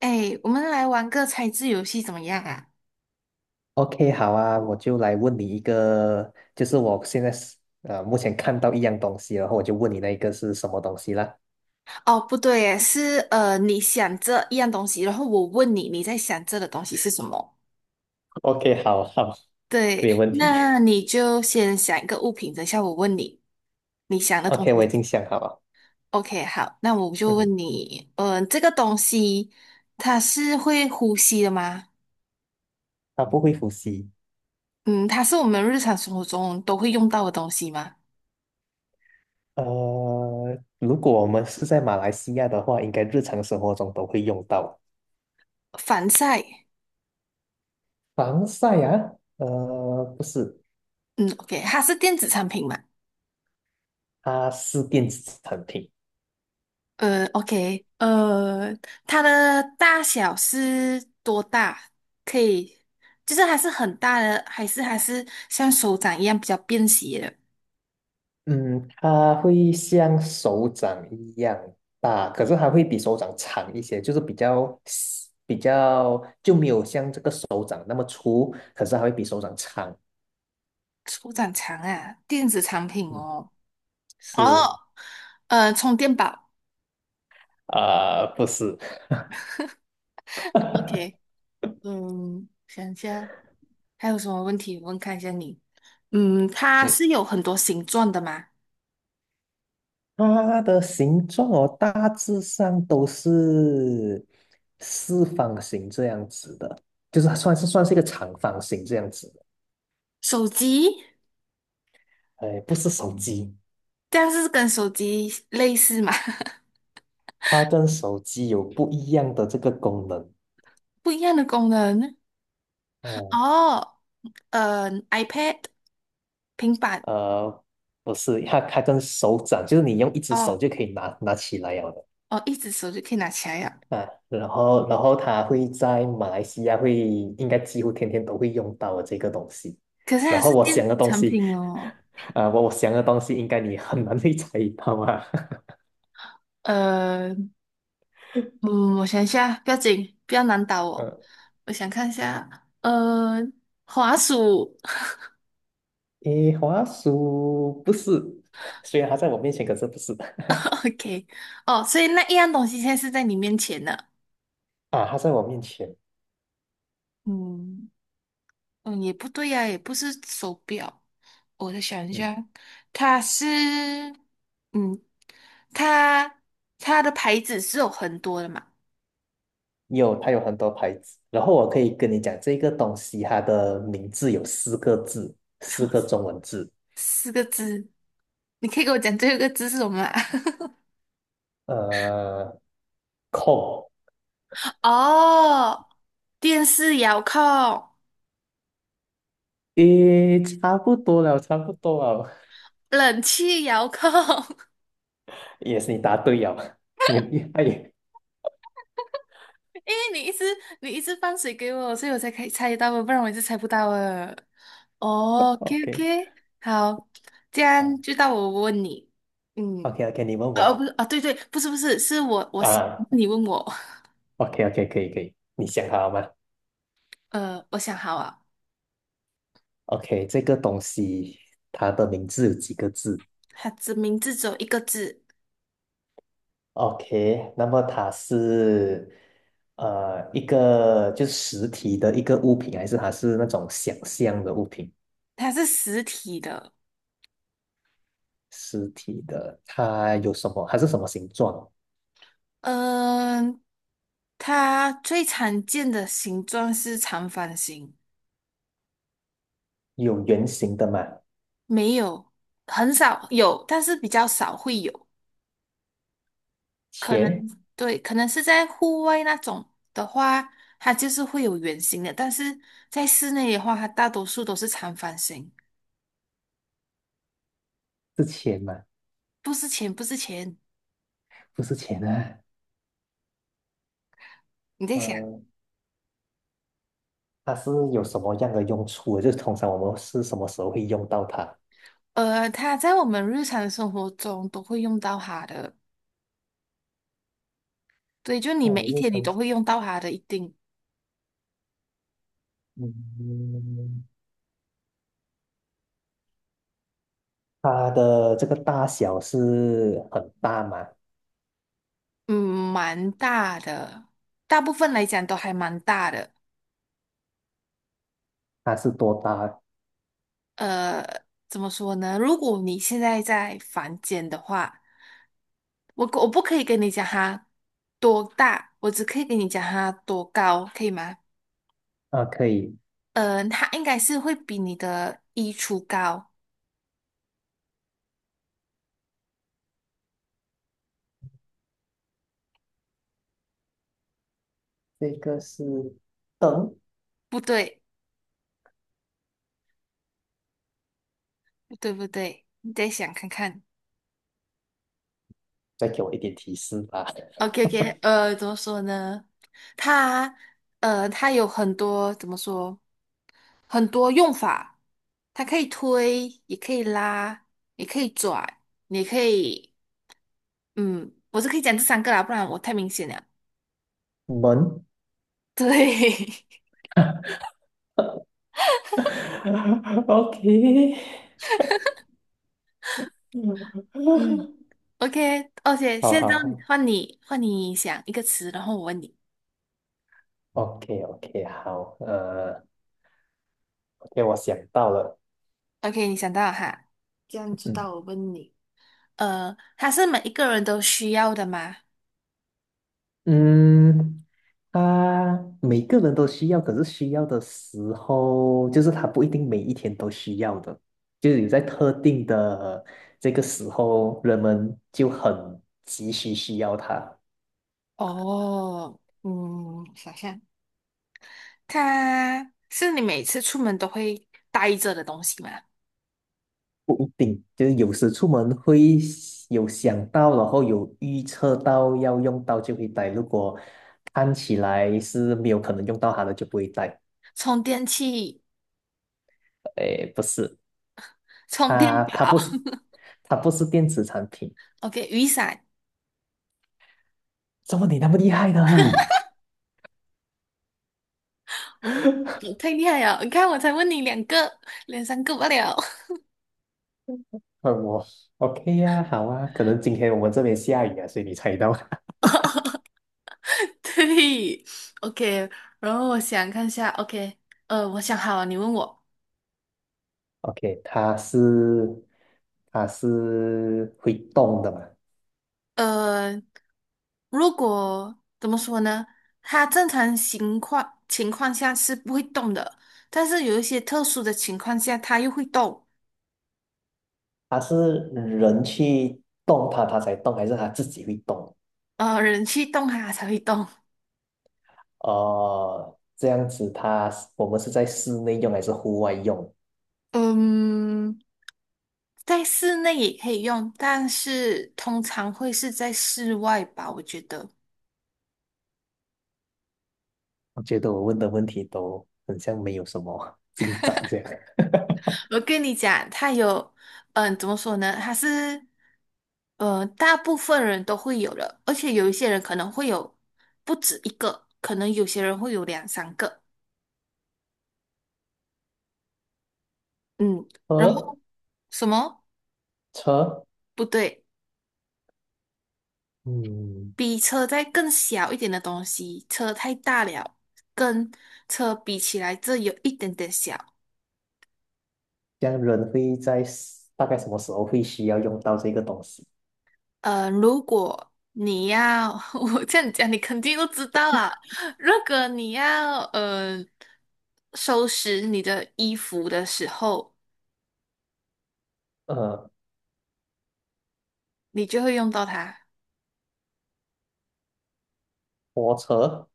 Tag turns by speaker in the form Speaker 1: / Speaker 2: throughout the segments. Speaker 1: 哎，我们来玩个猜字游戏怎么样啊？
Speaker 2: OK，好啊，我就来问你一个，就是我现在是目前看到一样东西，然后我就问你那一个是什么东西啦。
Speaker 1: 哦，不对耶是你想这一样东西，然后我问你，你在想这的东西是什么？
Speaker 2: OK，好好，没有
Speaker 1: 对，
Speaker 2: 问题。
Speaker 1: 那你就先想一个物品，等一下我问你，你想 的东
Speaker 2: OK，
Speaker 1: 西
Speaker 2: 我已
Speaker 1: 是什
Speaker 2: 经
Speaker 1: 么。
Speaker 2: 想好了。
Speaker 1: OK，好，那我就
Speaker 2: 嗯，
Speaker 1: 问你，这个东西它是会呼吸的吗？
Speaker 2: 它不会呼吸。
Speaker 1: 嗯，它是我们日常生活中都会用到的东西吗？
Speaker 2: 呃，如果我们是在马来西亚的话，应该日常生活中都会用到
Speaker 1: 防晒，
Speaker 2: 防晒啊。不是，
Speaker 1: 嗯，OK，它是电子产品吗？
Speaker 2: 它是电子产品。
Speaker 1: OK，它的大小是多大？可以，就是还是很大的，还是像手掌一样比较便携的？
Speaker 2: 嗯，它会像手掌一样大，可是它会比手掌长一些，就是比较细比较就没有像这个手掌那么粗，可是它会比手掌长。
Speaker 1: 手掌长啊，电子产品
Speaker 2: 嗯，
Speaker 1: 哦。哦，
Speaker 2: 是
Speaker 1: 充电宝。
Speaker 2: 啊，不是。
Speaker 1: OK，嗯，想一下还有什么问题？我问看一下你。嗯，它
Speaker 2: 嗯，
Speaker 1: 是有很多形状的吗？
Speaker 2: 它的形状哦，大致上都是四方形这样子的，就是它算是一个长方形这样子的。
Speaker 1: 手机，
Speaker 2: 哎，不是手机，
Speaker 1: 但是跟手机类似嘛？
Speaker 2: 它跟手机有不一样的这个功能。
Speaker 1: 不一样的功能。
Speaker 2: 哦。
Speaker 1: 哦iPad、平板，
Speaker 2: 呃，不是，它跟手掌，就是你用一只手
Speaker 1: 哦
Speaker 2: 就可以拿起来了
Speaker 1: 哦，一只手就可以拿起来呀。
Speaker 2: 的啊。然后它会在马来西亚会应该几乎天天都会用到的这个东西。
Speaker 1: 可是它
Speaker 2: 然后
Speaker 1: 是
Speaker 2: 我
Speaker 1: 电
Speaker 2: 想
Speaker 1: 子
Speaker 2: 的东
Speaker 1: 产
Speaker 2: 西，
Speaker 1: 品哦。
Speaker 2: 啊、我想的东西应该你很难 会猜到啊。
Speaker 1: 呃，嗯，我想一下，不要紧，不要 难倒我。
Speaker 2: 呃，
Speaker 1: 我想看一下，滑鼠
Speaker 2: 诶，滑鼠不是，虽然它在我面前，可是不是。
Speaker 1: ，OK，哦，所以那一样东西现在是在你面前呢。
Speaker 2: 啊，它在我面前。
Speaker 1: 嗯嗯，也不对呀、也不是手表。我再想一
Speaker 2: 嗯。
Speaker 1: 下，它是，嗯，它它的牌子是有很多的嘛？
Speaker 2: 有，它有很多牌子。然后我可以跟你讲，这个东西它的名字有四个字，四个 中文字。
Speaker 1: 四个字，你可以给我讲最后一个字是什么吗？
Speaker 2: 呃，控，
Speaker 1: 哦，电视遥控、
Speaker 2: 诶，差不多了，差不多了，
Speaker 1: 冷气遥控，
Speaker 2: 也是你答对了。你很厉害耶。
Speaker 1: 因为你一直你一直放水给我，所以我才可以猜到哦不然我一直猜不到的。哦，OK
Speaker 2: OK，
Speaker 1: OK，好，这样
Speaker 2: 好
Speaker 1: 就到我问你，嗯，
Speaker 2: ，OK，OK，你问
Speaker 1: 哦，不
Speaker 2: 我
Speaker 1: 是，啊，对对，不是不是，是我想
Speaker 2: 啊
Speaker 1: 你问我，
Speaker 2: ，OK，OK，可以，可以，你想好了吗
Speaker 1: 我想好啊，
Speaker 2: ？OK，这个东西它的名字有几个字？
Speaker 1: 它的名字只有一个字，
Speaker 2: OK，那么它是一个就是实体的一个物品，还是它是那种想象的物品？
Speaker 1: 它是实体的，
Speaker 2: 实体的，它有什么？它是什么形状？
Speaker 1: 嗯，它最常见的形状是长方形，
Speaker 2: 有圆形的吗？
Speaker 1: 没有，很少有，但是比较少会有。可能
Speaker 2: 钱
Speaker 1: 对，可能是在户外那种的话，它就是会有圆形的，但是在室内的话，它大多数都是长方形。
Speaker 2: 是钱吗？
Speaker 1: 不是钱，不是钱，
Speaker 2: 不是钱啊。
Speaker 1: 你在想，
Speaker 2: 嗯、它是有什么样的用处的？就是通常我们是什么时候会用到它？
Speaker 1: 它在我们日常生活中都会用到它的，对，就你
Speaker 2: 那我
Speaker 1: 每一
Speaker 2: 们日
Speaker 1: 天你
Speaker 2: 常，
Speaker 1: 都会用到它的，一定。
Speaker 2: 嗯，它的这个大小是很大吗？
Speaker 1: 嗯，蛮大的，大部分来讲都还蛮大的。
Speaker 2: 它是多大？
Speaker 1: 呃，怎么说呢？如果你现在在房间的话，我不可以跟你讲它多大，我只可以跟你讲它多高，可以吗？
Speaker 2: 啊，可以。
Speaker 1: 嗯，它应该是会比你的衣橱高，
Speaker 2: 这个是灯，
Speaker 1: 不对，不对，你再想看看。
Speaker 2: 再给我一点提示吧。
Speaker 1: OK OK，怎么说呢？它它有很多怎么说？很多用法，它可以推，也可以拉，也可以转，你可以，嗯，我是可以讲这三个啦，不然我太明显了。
Speaker 2: 门。
Speaker 1: 对，
Speaker 2: OK。
Speaker 1: 嗯 ，OK，而且
Speaker 2: 好
Speaker 1: 现在
Speaker 2: 好好
Speaker 1: 换你，换你想一个词，然后我问你。
Speaker 2: ，OK OK，好。OK，我想到了。
Speaker 1: OK，你想到了哈？这样子
Speaker 2: 嗯
Speaker 1: 到我问你，它是每一个人都需要的吗？
Speaker 2: 嗯，他每个人都需要，可是需要的时候，就是他不一定每一天都需要的，就是有在特定的这个时候，人们就很急需需要他。
Speaker 1: 哦，嗯，想象，它是你每次出门都会带着的东西吗？
Speaker 2: 不一定，就是有时出门会有想到，然后有预测到要用到就会带。如果看起来是没有可能用到它的，就不会带。
Speaker 1: 充电器、
Speaker 2: 诶，不是，
Speaker 1: 充电
Speaker 2: 它它
Speaker 1: 宝
Speaker 2: 不是它不是电子产品。
Speaker 1: ，OK，雨伞，
Speaker 2: 怎么你那么厉害呢？
Speaker 1: 嗯，你太厉害了！你看，我才问你两个，两三个罢了。
Speaker 2: 问我 OK 呀、好啊，可能今天我们这边下雨啊，所以你猜到。
Speaker 1: 对，OK，然后我想看一下，OK，我想好了，你问我，
Speaker 2: OK，它是会动的嘛？
Speaker 1: 呃，如果怎么说呢？它正常情况下是不会动的，但是有一些特殊的情况下，它又会动，
Speaker 2: 它是人去动它，它才动，还是它自己会动？
Speaker 1: 人去动它才会动。
Speaker 2: 哦，这样子它是我们是在室内用还是户外用？
Speaker 1: 嗯，在室内也可以用，但是通常会是在室外吧，我觉得。
Speaker 2: 我觉得我问的问题都很像没有什么进展这样。
Speaker 1: 我跟你讲，它有，嗯，怎么说呢？它是，大部分人都会有的，而且有一些人可能会有不止一个，可能有些人会有两三个。嗯，然
Speaker 2: 呃，
Speaker 1: 后什么？
Speaker 2: 车。
Speaker 1: 不对，
Speaker 2: 嗯，
Speaker 1: 比车再更小一点的东西，车太大了，跟车比起来，这有一点点小。
Speaker 2: 这样人会在 s- 大概什么时候会需要用到这个东西？
Speaker 1: 如果你要，我这样讲，你肯定都知道啊。如果你要收拾你的衣服的时候，
Speaker 2: 呃，
Speaker 1: 你就会用到它。
Speaker 2: 拖车、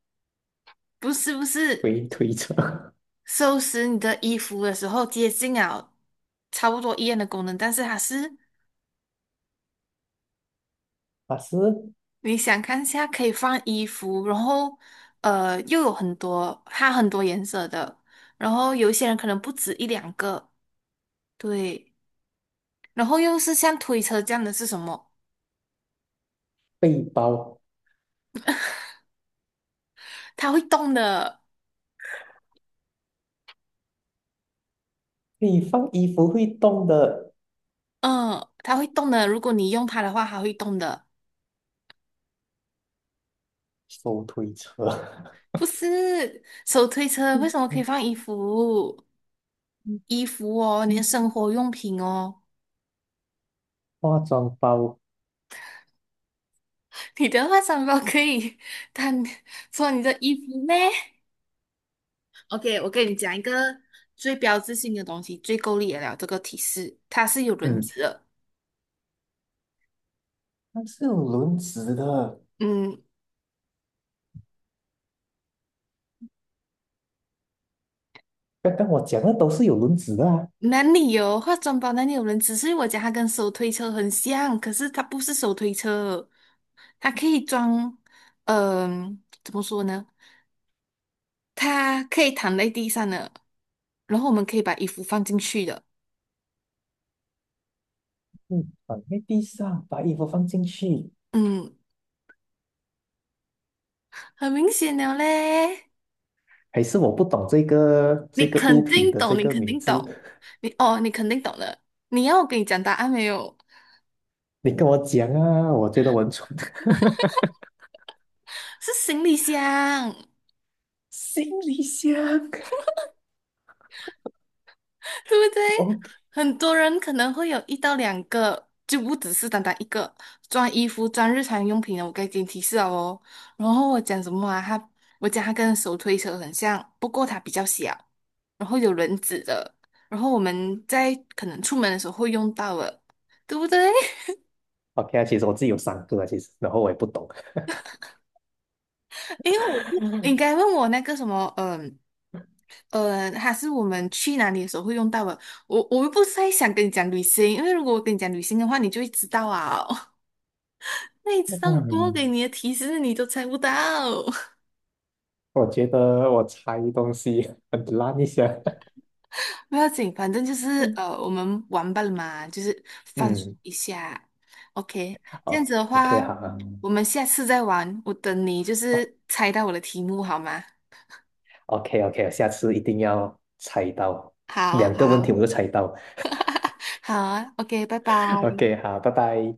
Speaker 1: 不是不是，
Speaker 2: 推车，
Speaker 1: 收拾你的衣服的时候接近了差不多一样的功能，但是它是
Speaker 2: 它是
Speaker 1: 你想看一下可以放衣服，然后又有很多它很多颜色的，然后有一些人可能不止一两个，对，然后又是像推车这样的是什么？
Speaker 2: 背包，
Speaker 1: 它会动的，
Speaker 2: 可以放衣服会动的
Speaker 1: 嗯，它会动的。如果你用它的话，它会动的。
Speaker 2: 手推车。
Speaker 1: 不是手推车，为什么可以 放衣服？
Speaker 2: 嗯
Speaker 1: 衣服哦，你
Speaker 2: 嗯
Speaker 1: 的
Speaker 2: 嗯
Speaker 1: 生活用品哦。
Speaker 2: 化妆包。
Speaker 1: 你的化妆包可以当做你的衣服咩 OK，我跟你讲一个最标志性的东西，最够力的了。这个提示，它是有轮
Speaker 2: 嗯，
Speaker 1: 子的。
Speaker 2: 它是有轮子的。
Speaker 1: 嗯，
Speaker 2: 刚刚我讲的都是有轮子的啊。
Speaker 1: 哪里有化妆包？哪里有人只是我讲它跟手推车很像，可是它不是手推车，它可以装，怎么说呢？它可以躺在地上的，然后我们可以把衣服放进去的。
Speaker 2: 嗯，放在地上，把衣服放进去，
Speaker 1: 嗯，很明显了嘞，
Speaker 2: 还是我不懂这个
Speaker 1: 你
Speaker 2: 这个物
Speaker 1: 肯
Speaker 2: 品
Speaker 1: 定
Speaker 2: 的
Speaker 1: 懂，
Speaker 2: 这
Speaker 1: 你
Speaker 2: 个
Speaker 1: 肯
Speaker 2: 名
Speaker 1: 定
Speaker 2: 字，
Speaker 1: 懂，你哦，你肯定懂了。你要我给你讲答案没有？
Speaker 2: 你跟我讲啊，我觉得我很蠢。
Speaker 1: 是行李箱。
Speaker 2: 行李箱。
Speaker 1: 对不对？
Speaker 2: ，OK。
Speaker 1: 很多人可能会有一到两个，就不只是单单一个装衣服、装日常用品的。我给你提示了哦。然后我讲什么啊？他，我讲它跟手推车很像，不过它比较小，然后有轮子的。然后我们在可能出门的时候会用到的，对不对？
Speaker 2: OK 啊，其实我自己有三个啊，其实，然后我也不懂。
Speaker 1: 因为我不 应
Speaker 2: 嗯，
Speaker 1: 该问我那个什么，还是我们去哪里的时候会用到的。我又不是在想跟你讲旅行，因为如果我跟你讲旅行的话，你就会知道啊哦。那一次让多给你的提示你都猜不到，
Speaker 2: 我觉得我猜东西 很烂一下。
Speaker 1: 不要紧，反正就是我们玩吧了嘛，就是放松
Speaker 2: 嗯，
Speaker 1: 一下。OK，这样子
Speaker 2: 好
Speaker 1: 的
Speaker 2: ，OK
Speaker 1: 话，
Speaker 2: 好啊
Speaker 1: 我们下次再玩。我等你就是猜到我的题目好吗？
Speaker 2: ，OK OK，下次一定要猜到，
Speaker 1: 好
Speaker 2: 两个问题
Speaker 1: 好
Speaker 2: 我就猜到。
Speaker 1: 好啊，OK，拜拜。
Speaker 2: OK，好，拜拜。